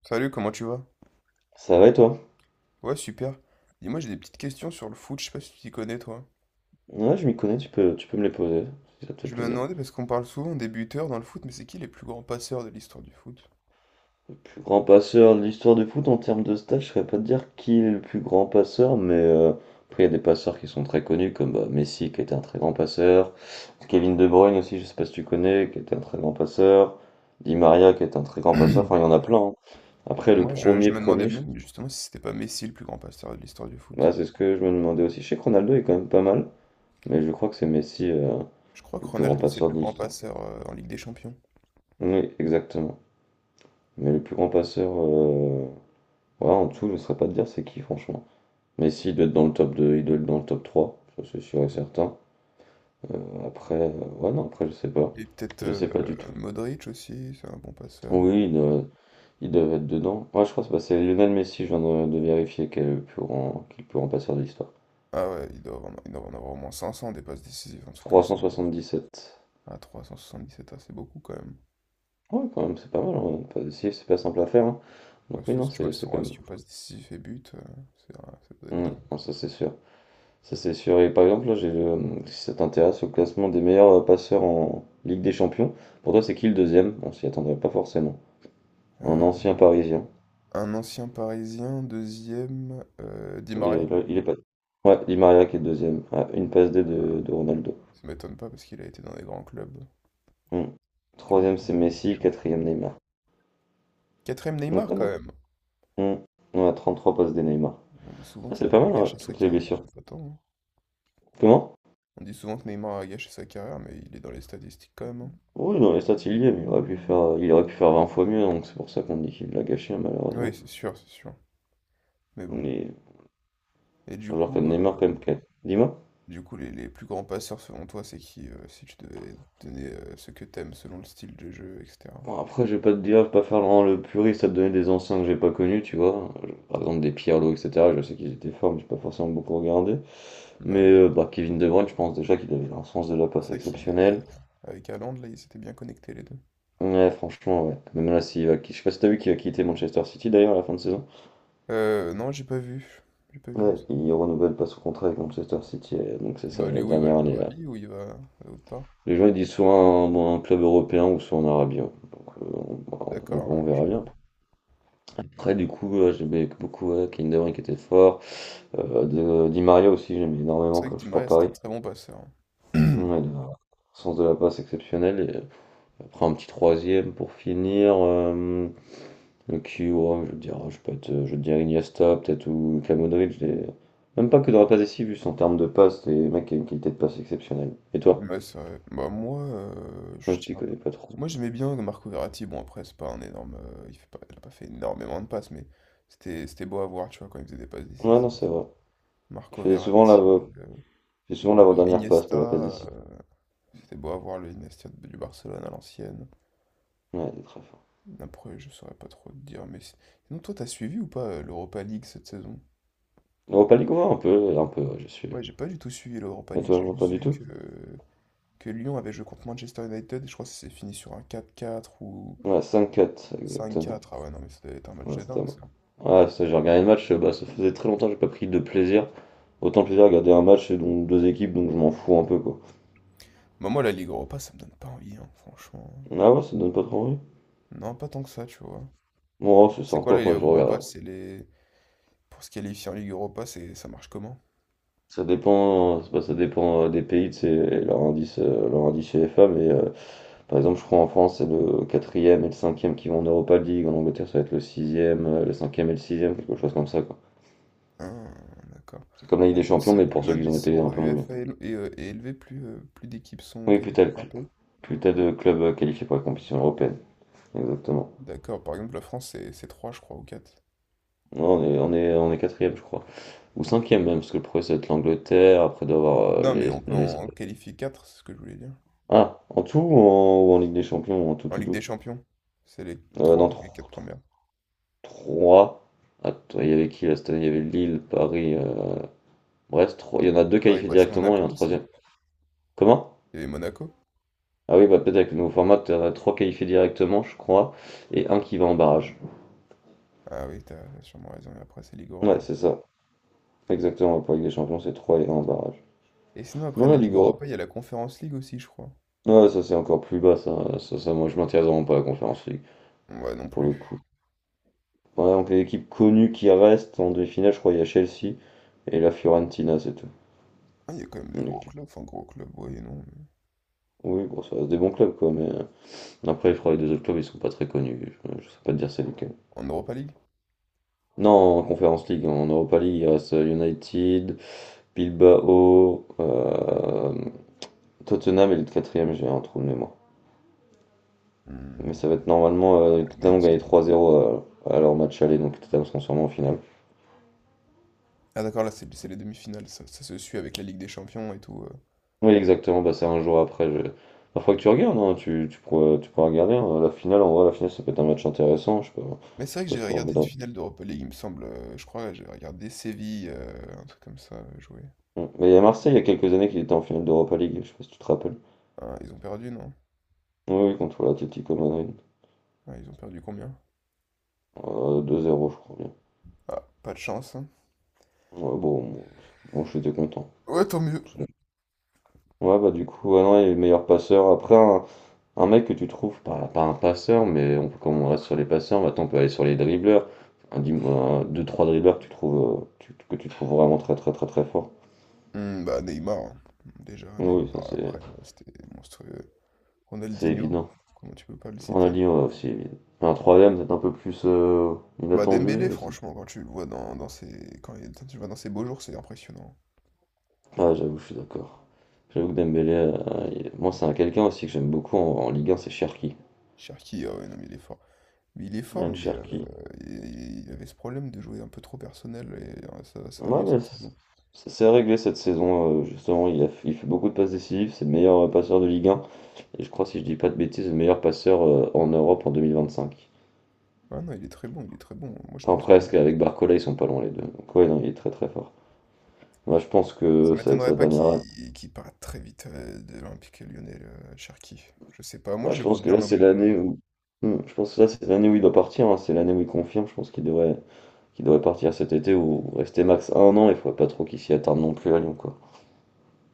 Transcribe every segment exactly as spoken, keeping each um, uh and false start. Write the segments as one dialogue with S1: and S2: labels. S1: Salut, comment tu vas?
S2: Ça va et toi?
S1: Ouais, super. Dis-moi, j'ai des petites questions sur le foot, je sais pas si tu t'y connais, toi.
S2: Ouais, je m'y connais, tu peux, tu peux me les poser, si ça te fait
S1: Je me
S2: plaisir.
S1: demandais, parce qu'on parle souvent des buteurs dans le foot, mais c'est qui les plus grands passeurs de l'histoire du foot?
S2: Le plus grand passeur de l'histoire du foot en termes de stats, je saurais pas te dire qui est le plus grand passeur, mais euh, après il y a des passeurs qui sont très connus, comme bah, Messi qui était un très grand passeur, Kevin De Bruyne aussi, je sais pas si tu connais, qui était un très grand passeur, Di Maria qui était un très grand passeur, enfin il y en a plein, hein. Après le
S1: Moi, je, je
S2: premier
S1: me demandais
S2: premier, je-
S1: même justement si c'était pas Messi le plus grand passeur de l'histoire du
S2: Ouais,
S1: foot.
S2: c'est ce que je me demandais aussi. Je sais que Ronaldo est quand même pas mal, mais je crois que c'est Messi euh,
S1: Je crois que
S2: le plus grand
S1: Ronaldo, c'est le
S2: passeur
S1: plus
S2: de
S1: grand
S2: l'histoire.
S1: passeur euh, en Ligue des Champions.
S2: Oui, exactement. Mais le plus grand passeur, euh, voilà, en dessous, je ne saurais pas te dire c'est qui, franchement. Messi, il doit être dans le top deux, il doit être dans le top trois, ça c'est sûr et certain. Euh, après, euh, ouais, non, après, je sais pas.
S1: Et peut-être
S2: Je
S1: euh,
S2: sais pas du tout.
S1: Modric aussi, c'est un bon passeur.
S2: Oui, ils doivent il doit être dedans. Ouais, je crois que c'est bah, c'est Lionel Messi, je viens de, de vérifier, qui est le plus grand, qui est le plus grand passeur de l'histoire.
S1: Ah ouais, il doit en, il doit en avoir au moins cinq cents des passes décisives, un truc comme ça.
S2: trois cent soixante-dix-sept.
S1: Ah, trois cent soixante-dix-sept, ah, c'est beaucoup quand même.
S2: Ouais, quand même, c'est pas mal, hein. Pas- si, c'est pas simple à faire, hein.
S1: Bah,
S2: Donc, oui,
S1: surtout
S2: non,
S1: si tu vois
S2: c'est c'est
S1: son
S2: quand même.
S1: ratio passes décisives et buts, euh, c'est, un- ça doit être
S2: Mm,
S1: dingue.
S2: non, ça, c'est sûr. Ça c'est sûr. Et par exemple, là, j'ai le, si ça t'intéresse, au classement des meilleurs euh, passeurs en Ligue des Champions, pour toi, c'est qui le deuxième? On s'y attendrait pas forcément. Un ancien
S1: Euh,
S2: Parisien.
S1: un ancien Parisien, deuxième, euh, Di
S2: Il
S1: Maria.
S2: est, là, il est pas. Ouais, Di Maria qui est deuxième, à une passe D de, de Ronaldo.
S1: Ça m'étonne pas parce qu'il a été dans des grands clubs
S2: Hmm.
S1: qui ont
S2: Troisième,
S1: beaucoup
S2: c'est
S1: joué la Ligue des
S2: Messi.
S1: Champions.
S2: Quatrième, Neymar.
S1: Quatrième
S2: Donc,
S1: Neymar
S2: ouais,
S1: quand
S2: non.
S1: même.
S2: Hmm. On a trente trois passes D Neymar.
S1: On dit souvent
S2: Ah,
S1: qu'il
S2: c'est
S1: a un
S2: pas
S1: peu
S2: mal, hein,
S1: gâché sa
S2: toutes les
S1: carrière,
S2: blessures.
S1: mais pas tant. hein.
S2: Comment?
S1: On dit souvent que Neymar a gâché sa carrière, mais il est dans les statistiques quand même. hein.
S2: Oui, dans les stats, il y est, mais il aurait pu faire, euh, il aurait pu faire vingt fois mieux, donc c'est pour ça qu'on dit qu'il l'a gâché, hein,
S1: Oui,
S2: malheureusement.
S1: c'est sûr, c'est sûr. Mais bon.
S2: Mais
S1: Et du
S2: un joueur
S1: coup,
S2: comme Neymar, quand
S1: euh,
S2: même, qui a- dis-moi.
S1: Du coup, les, les plus grands passeurs selon toi, c'est qui euh, si tu devais donner euh, ce que t'aimes selon le style de jeu, et cetera.
S2: Bon, après, je vais pas te dire, je vais pas faire vraiment le puriste à te donner des anciens que j'ai pas connus, tu vois. Je- Par exemple, des Pirlo, et cetera. Je sais qu'ils étaient forts, mais j'ai pas forcément beaucoup regardé. Mais
S1: Ouais.
S2: euh, bah, Kevin De Bruyne, je pense déjà qu'il avait un sens de la passe
S1: C'est vrai qu'il est... euh,
S2: exceptionnel.
S1: Avec Haaland, là, ils s'étaient bien connectés les deux.
S2: Ouais, franchement, ouais. Même là, s'il va qui- je sais pas si t'as vu qu'il va quitter Manchester City d'ailleurs à la fin de saison.
S1: Euh, non, j'ai pas vu. J'ai pas vu du
S2: Ouais,
S1: tout.
S2: il renouvelle pas son contrat avec Manchester City, euh, donc c'est
S1: Il
S2: sa
S1: va aller où? Il va aller
S2: dernière
S1: en
S2: année là.
S1: Arabie ou il va à l'autre part?
S2: Les gens ils disent soit un, bon, un club européen ou soit en Arabie, hein. Donc euh, on, bah, on
S1: D'accord,
S2: on
S1: ouais, je
S2: verra
S1: vois.
S2: bien. Après du coup, heu, j'aimais beaucoup, ouais, Kevin De Bruyne qui était fort, heu, de Di Maria aussi, j'aimais énormément
S1: C'est vrai
S2: comme
S1: que
S2: je
S1: Di
S2: suis pour
S1: Maria, c'est un
S2: Paris.
S1: très bon passeur. hein.
S2: Ouais, il a un sens de la passe exceptionnel et heu, après un petit troisième pour finir, hem, qui ouais je vais dire, je peux être, je vais dire Iniesta peut-être ou Luka Modrić des même pas que dans la passe décisive, juste en termes de passe, les mecs, qui y a une qualité de passe exceptionnelle. Et toi?
S1: Ouais, c'est vrai. Bah, moi, euh, je
S2: Même si tu
S1: tiens un peu.
S2: connais pas trop.
S1: Moi, j'aimais bien Marco Verratti. Bon, après, c'est pas un énorme. euh, il fait pas, il a pas fait énormément de passes, mais c'était c'était beau à voir, tu vois, quand il faisait des passes
S2: Ouais,
S1: décisives.
S2: non, c'est vrai. Il
S1: Marco
S2: faisait souvent la
S1: Verratti, euh,
S2: il faisait souvent
S1: ou alors
S2: l'avant-dernière passe, pas la passe
S1: Iniesta.
S2: décisive.
S1: euh, C'était beau à voir le Iniesta de- du Barcelone à l'ancienne.
S2: Ouais, il est très fort.
S1: Après, je saurais pas trop te dire, mais c'est- sinon, toi, t'as suivi ou pas euh, l'Europa League cette saison?
S2: Europa League, ouais, un peu, un peu, ouais, j'ai suivi.
S1: Ouais, j'ai pas du tout suivi l'Europa
S2: Et
S1: League,
S2: toi,
S1: j'ai
S2: non, pas
S1: juste
S2: du
S1: vu
S2: tout?
S1: que, que Lyon avait joué contre Manchester United et je crois que c'est fini sur un quatre-quatre ou
S2: Ouais, cinq quatre, exactement.
S1: cinq-quatre. Ah ouais, non, mais ça devait être un match
S2: Ouais,
S1: de
S2: c'était à
S1: dingue,
S2: moi.
S1: ça.
S2: Ouais, ça, j'ai regardé le match, euh, bah, ça faisait très longtemps que j'ai pas pris de plaisir. Autant de plaisir à regarder un match, et donc deux équipes, donc je m'en fous un peu, quoi.
S1: Bah, moi, la Ligue Europa, ça me donne pas envie, hein, franchement.
S2: Ah ouais, ça donne pas trop envie?
S1: Non, pas tant que ça, tu vois.
S2: Bon, ouais, c'est
S1: C'est
S2: sympa,
S1: quoi la Ligue
S2: après, je
S1: Europa?
S2: regarde.
S1: C'est les... Pour se qualifier en Ligue Europa, c'est... ça marche comment?
S2: Ça dépend, euh, c'est pas- ça dépend euh, des pays, c'est leur indice, euh, leur indice UEFA, mais euh, par exemple, je crois en France, c'est le quatrième et le cinquième qui vont en Europa League, en Angleterre, ça va être le sixième, euh, le cinquième et le sixième, quelque chose comme ça, quoi.
S1: Ah, d'accord.
S2: C'est comme la Ligue
S1: Ah,
S2: des Champions,
S1: plus,
S2: mais
S1: plus
S2: pour ceux qui ont
S1: l'indice
S2: été un
S1: au
S2: peu moins bien.
S1: UEFA est, est, euh, est élevé, plus, euh, plus d'équipes sont
S2: Oui, plus t'as le
S1: qualifiées par
S2: cl-
S1: pays.
S2: plus t'as de clubs euh, qualifiés pour la compétition européenne. Exactement.
S1: D'accord, par exemple, la France, c'est, c'est trois je crois, ou quatre.
S2: Non, on est, on est, on est quatrième, je crois. Ou cinquième même, parce que le premier, ça va être l'Angleterre, après d'avoir
S1: Non, mais
S2: les,
S1: on peut
S2: les-
S1: en qualifier quatre, c'est ce que je voulais dire.
S2: Ah, en tout ou en, ou en Ligue des Champions, en tout,
S1: En
S2: tout,
S1: Ligue des
S2: tout.
S1: Champions, c'est les
S2: Euh,
S1: trois
S2: dans
S1: ou les quatre premières.
S2: trois. Attends, il y avait qui là cette année? Il y avait Lille, Paris, euh, Brest. trois- Il y en a deux qualifiés directement et
S1: Paris-Brest-Monaco
S2: un
S1: aussi.
S2: troisième. Comment?
S1: Il y avait Monaco.
S2: Ah oui, bah peut-être avec le nouveau format, t'as trois qualifiés directement, je crois, et un qui va en barrage.
S1: Ah oui, t'as sûrement raison, et après, c'est Ligue
S2: Ouais,
S1: Europa.
S2: c'est ça. Exactement, pour la Ligue des Champions, c'est trois et un en barrage.
S1: Et sinon, après
S2: Non, la
S1: la
S2: Ligue
S1: Ligue
S2: Europe.
S1: Europa, il y a la Conference League aussi, je crois.
S2: Ouais, ça c'est encore plus bas, ça. Ça, ça, moi je m'intéresse vraiment pas à la Conférence League,
S1: Ouais, non
S2: pour le coup.
S1: plus.
S2: Ouais, donc les équipes connues qui restent en demi-finale, je crois il y a Chelsea et la Fiorentina, c'est tout.
S1: Ah, il y a quand même des
S2: Une
S1: gros
S2: équipe-
S1: clubs, enfin, gros clubs, ouais et non. mais-
S2: Oui, bon, ça reste des bons clubs, quoi, mais euh, après, je crois que les deux autres clubs, ils sont pas très connus. Je, je sais pas te dire c'est lequel.
S1: En Europa League?
S2: Non, en Conférence League, en Europa League, il reste euh, United, Bilbao, euh, Tottenham et le quatrième, j'ai un trou de mémoire. Mais
S1: Hmm.
S2: ça va être normalement, euh, Tottenham ont gagné
S1: United.
S2: trois zéro à, à leur match aller, donc Tottenham seront sûrement en finale.
S1: Ah d'accord, là c'est c'est les demi-finales, ça, ça se suit avec la Ligue des Champions et tout. euh.
S2: Oui, exactement, bah, c'est un jour après. Je... Bah, faudrait que tu regardes, hein. Tu, tu pourrais, tu pourras regarder, hein. La finale, en vrai, la finale, ça peut être un match intéressant. Je sais pas,
S1: Mais c'est
S2: je
S1: vrai
S2: sais
S1: que
S2: pas si
S1: j'avais
S2: tu
S1: regardé
S2: envie
S1: une
S2: d'en-
S1: finale d'Europa League, il me semble. euh, je crois que j'avais regardé Séville, euh, un truc comme ça, euh, jouer.
S2: Mm. Mais il y a Marseille, il y a quelques années, qu'il était en finale d'Europa League. Je sais pas si tu te rappelles.
S1: Ah, ils ont perdu, non?
S2: Oui, oui, contre l'Atlético Madrid.
S1: Ah, ils ont perdu combien?
S2: Euh, deux zéro, je crois bien.
S1: Ah, pas de chance. hein.
S2: Ouais, bon, moi, moi, j'étais content.
S1: Ouais, tant mieux.
S2: Ouais, bah du coup, ouais, non, il est meilleur passeur. Après, un, un mec que tu trouves, pas, pas un passeur, mais on, comme on reste sur les passeurs, maintenant on peut aller sur les dribbleurs. Un, dim- un- deux, trois dribbleurs que tu trouves, euh, tu- que tu trouves vraiment très très très très fort.
S1: Hmm, bah Neymar, hein. Déjà
S2: Oui, oui, ça
S1: Neymar, après
S2: c'est
S1: euh, c'était monstrueux.
S2: c'est
S1: Ronaldinho,
S2: évident.
S1: comment tu peux pas le
S2: On a
S1: citer?
S2: dit ouais, aussi évident. Un troisième, peut-être un peu plus euh,
S1: Bah
S2: inattendu,
S1: Dembélé,
S2: je sais.
S1: franchement, quand tu le vois dans, dans ses, quand il- quand tu le vois dans ses beaux jours, c'est impressionnant.
S2: Ah, j'avoue, je suis d'accord. J'avoue que Dembélé, euh, il- moi c'est un quelqu'un aussi que j'aime beaucoup en, en Ligue un, c'est Cherki.
S1: Cherki, ah ouais, non mais il est fort. Mais il est fort,
S2: Ryan
S1: mais euh,
S2: Cherki.
S1: il il avait ce problème de jouer un peu trop personnel et euh, ça, ça va
S2: Ouais,
S1: mieux
S2: mais
S1: cette
S2: c-
S1: saison.
S2: c'est c'est réglé cette saison, euh, justement, il a, il fait beaucoup de passes décisives. C'est le meilleur euh, passeur de Ligue un. Et je crois, si je dis pas de bêtises, le meilleur passeur euh, en Europe en vingt vingt-cinq.
S1: Ah non, il est très bon, il est très bon. Moi, je
S2: Enfin,
S1: pense que
S2: presque. Avec Barcola, ils sont pas loin les deux. Donc, ouais, non, il est très très fort. Moi, je pense que
S1: ça
S2: ça va être
S1: m'étonnerait
S2: sa
S1: pas
S2: dernière année.
S1: qu'il qu'il parte très vite euh, de l'Olympique lyonnais, le Cherki. Je sais pas, moi
S2: Bah,
S1: je
S2: je
S1: le vois
S2: pense que
S1: bien en
S2: là, c'est
S1: Angleterre.
S2: l'année où. Hmm, je pense que là, c'est l'année où il doit partir, hein. C'est l'année où il confirme. Je pense qu'il devrait, qu'il devrait partir cet été ou rester max un an. Il faudrait pas trop qu'il s'y attarde non plus à Lyon, quoi.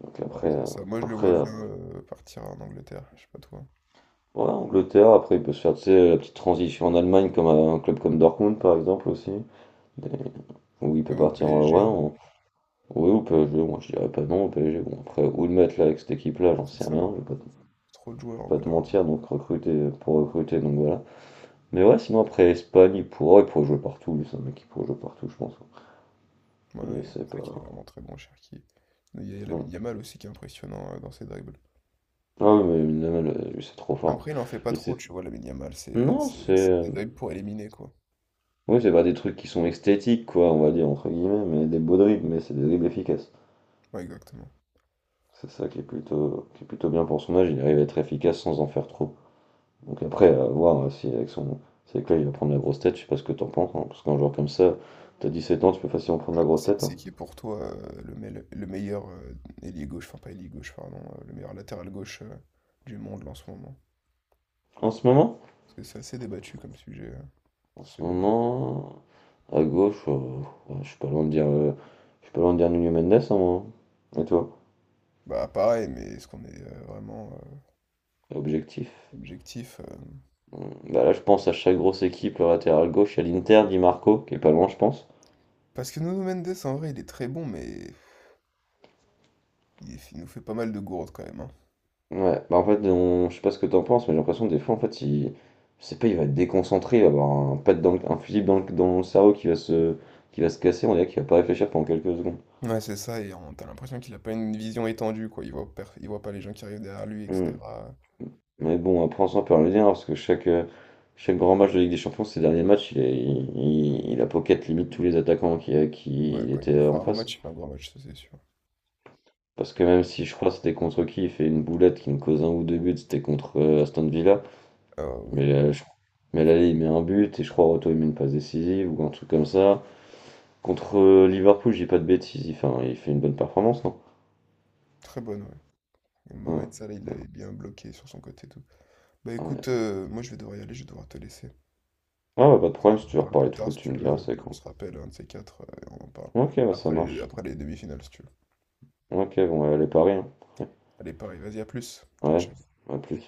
S2: Donc
S1: Ouais,
S2: après,
S1: c'est
S2: euh,
S1: ça. Moi je le
S2: après,
S1: vois
S2: euh,
S1: bien euh, partir en Angleterre, je sais pas toi.
S2: ouais, Angleterre, après il peut se faire tu sais, la petite transition en Allemagne comme à un club comme Dortmund par exemple aussi, des- où
S1: Ou
S2: il peut
S1: même au
S2: partir en
S1: P S G,
S2: ouais,
S1: hein.
S2: en- Ouais, au P S G, moi je dirais pas non au P S G, bon après où le mettre là avec cette équipe là,
S1: Ouais,
S2: j'en
S1: c'est
S2: sais
S1: ça.
S2: rien, je vais pas, te je
S1: Trop de joueurs
S2: vais
S1: au
S2: pas
S1: bout
S2: te
S1: d'un moment.
S2: mentir, donc recruter pour recruter, donc voilà. Mais ouais sinon après Espagne il pourra, il pourrait jouer partout, lui c'est un mec qui pourrait jouer partout je pense, hein. Et
S1: Ouais,
S2: c'est
S1: c'est vrai qu'il est
S2: pas.
S1: vraiment très bon, Cherki. Il y a Lamine
S2: Non.
S1: Yamal aussi qui est impressionnant euh, dans ses dribbles.
S2: Ah ouais, mais Minamal, euh, lui c'est trop fort.
S1: Après, il en fait pas
S2: Lui
S1: trop,
S2: c'est.
S1: tu vois, Lamine Yamal. C'est
S2: Non, c'est.
S1: c'est- c'est des
S2: euh,
S1: dribles pour éliminer, quoi.
S2: Oui, c'est pas des trucs qui sont esthétiques, quoi, on va dire, entre guillemets, mais des beaux dribbles, mais c'est des dribbles efficaces.
S1: Ouais, exactement.
S2: C'est ça qui est plutôt, qui est plutôt bien pour son âge, il arrive à être efficace sans en faire trop. Donc après, à voir euh, si avec son. Si avec là il va prendre la grosse tête, je sais pas ce que t'en penses, hein, parce qu'un joueur comme ça, t'as dix sept ans, tu peux facilement prendre la
S1: Ouais,
S2: grosse
S1: C'est
S2: tête,
S1: c'est
S2: hein.
S1: qui est pour toi euh, le, mel- le meilleur euh, ailier gauche, enfin pas ailier gauche, pardon, euh, le meilleur latéral gauche euh, du monde là, en ce moment?
S2: En ce moment?
S1: Parce que c'est assez débattu comme sujet. euh,
S2: En
S1: Ça fait
S2: ce
S1: débat.
S2: moment. À gauche, euh, ouais, je suis pas loin de dire. euh, je suis pas loin de dire Nuno Mendes, hein, moi, hein. Et toi?
S1: Bah pareil, mais est-ce qu'on est euh, vraiment euh,
S2: Objectif.
S1: objectif? euh,
S2: Hum, Bah là, je pense à chaque grosse équipe, le latéral gauche, il y a l'Inter, Di Marco, qui est pas loin, je pense.
S1: Parce que Nuno Mendes, en vrai, il est très bon, mais il, est- il nous fait pas mal de gourdes quand même, hein.
S2: Ouais, bah en fait, on- je sais pas ce que t'en penses, mais j'ai l'impression que des fois, en fait, il... je sais pas, il va être déconcentré, il va avoir un pet dans le- un fusible dans le... dans le... cerveau qui va se... qui va se casser, on dirait qu'il va pas réfléchir pendant quelques secondes.
S1: Ouais, c'est ça, et on- t'as l'impression qu'il a pas une vision étendue, quoi. Il voit, per- il voit pas les gens qui arrivent derrière lui,
S2: Hmm.
S1: et cetera.
S2: Mais bon, après, on s'en peut rien dire, parce que chaque, euh, chaque grand match de Ligue des Champions, ces derniers matchs, il, est- il... il a pocket limite tous les attaquants qui,
S1: Ouais,
S2: qui
S1: quand il veut
S2: étaient
S1: faire
S2: en
S1: un gros match,
S2: face.
S1: il fait un gros match, ça c'est sûr.
S2: Parce que même si je crois que c'était contre qui, il fait une boulette qui nous cause un ou deux buts, c'était contre euh, Aston Villa.
S1: Ah oui,
S2: Mais, euh, je- mais là, il met un but, et je crois Roto, il met une passe décisive, ou un truc comme ça. Contre euh, Liverpool, j'ai pas de bêtises, il fait, un- il fait une bonne performance, non?
S1: très bonne, ouais. Et
S2: Ouais,
S1: Mohamed Salah, il l'avait bien bloqué sur son côté et tout. Bah
S2: Ah ouais.
S1: écoute, euh, moi je vais devoir y aller, je vais devoir te laisser.
S2: Ah bah, pas de
S1: On
S2: problème,
S1: en
S2: si tu veux
S1: parle
S2: reparler
S1: plus
S2: de
S1: tard
S2: foot,
S1: si
S2: tu
S1: tu
S2: me diras,
S1: veux,
S2: c'est
S1: on
S2: quand.
S1: se rappelle un de ces quatre euh, et on en parle.
S2: Ok, bah ça
S1: Après les,
S2: marche.
S1: après les demi-finales si tu veux.
S2: Ok, bon, bah, allez, Paris, hein.
S1: Allez, pareil, vas-y, à plus. Ciao,
S2: Ouais,
S1: ciao.
S2: ouais, à plus.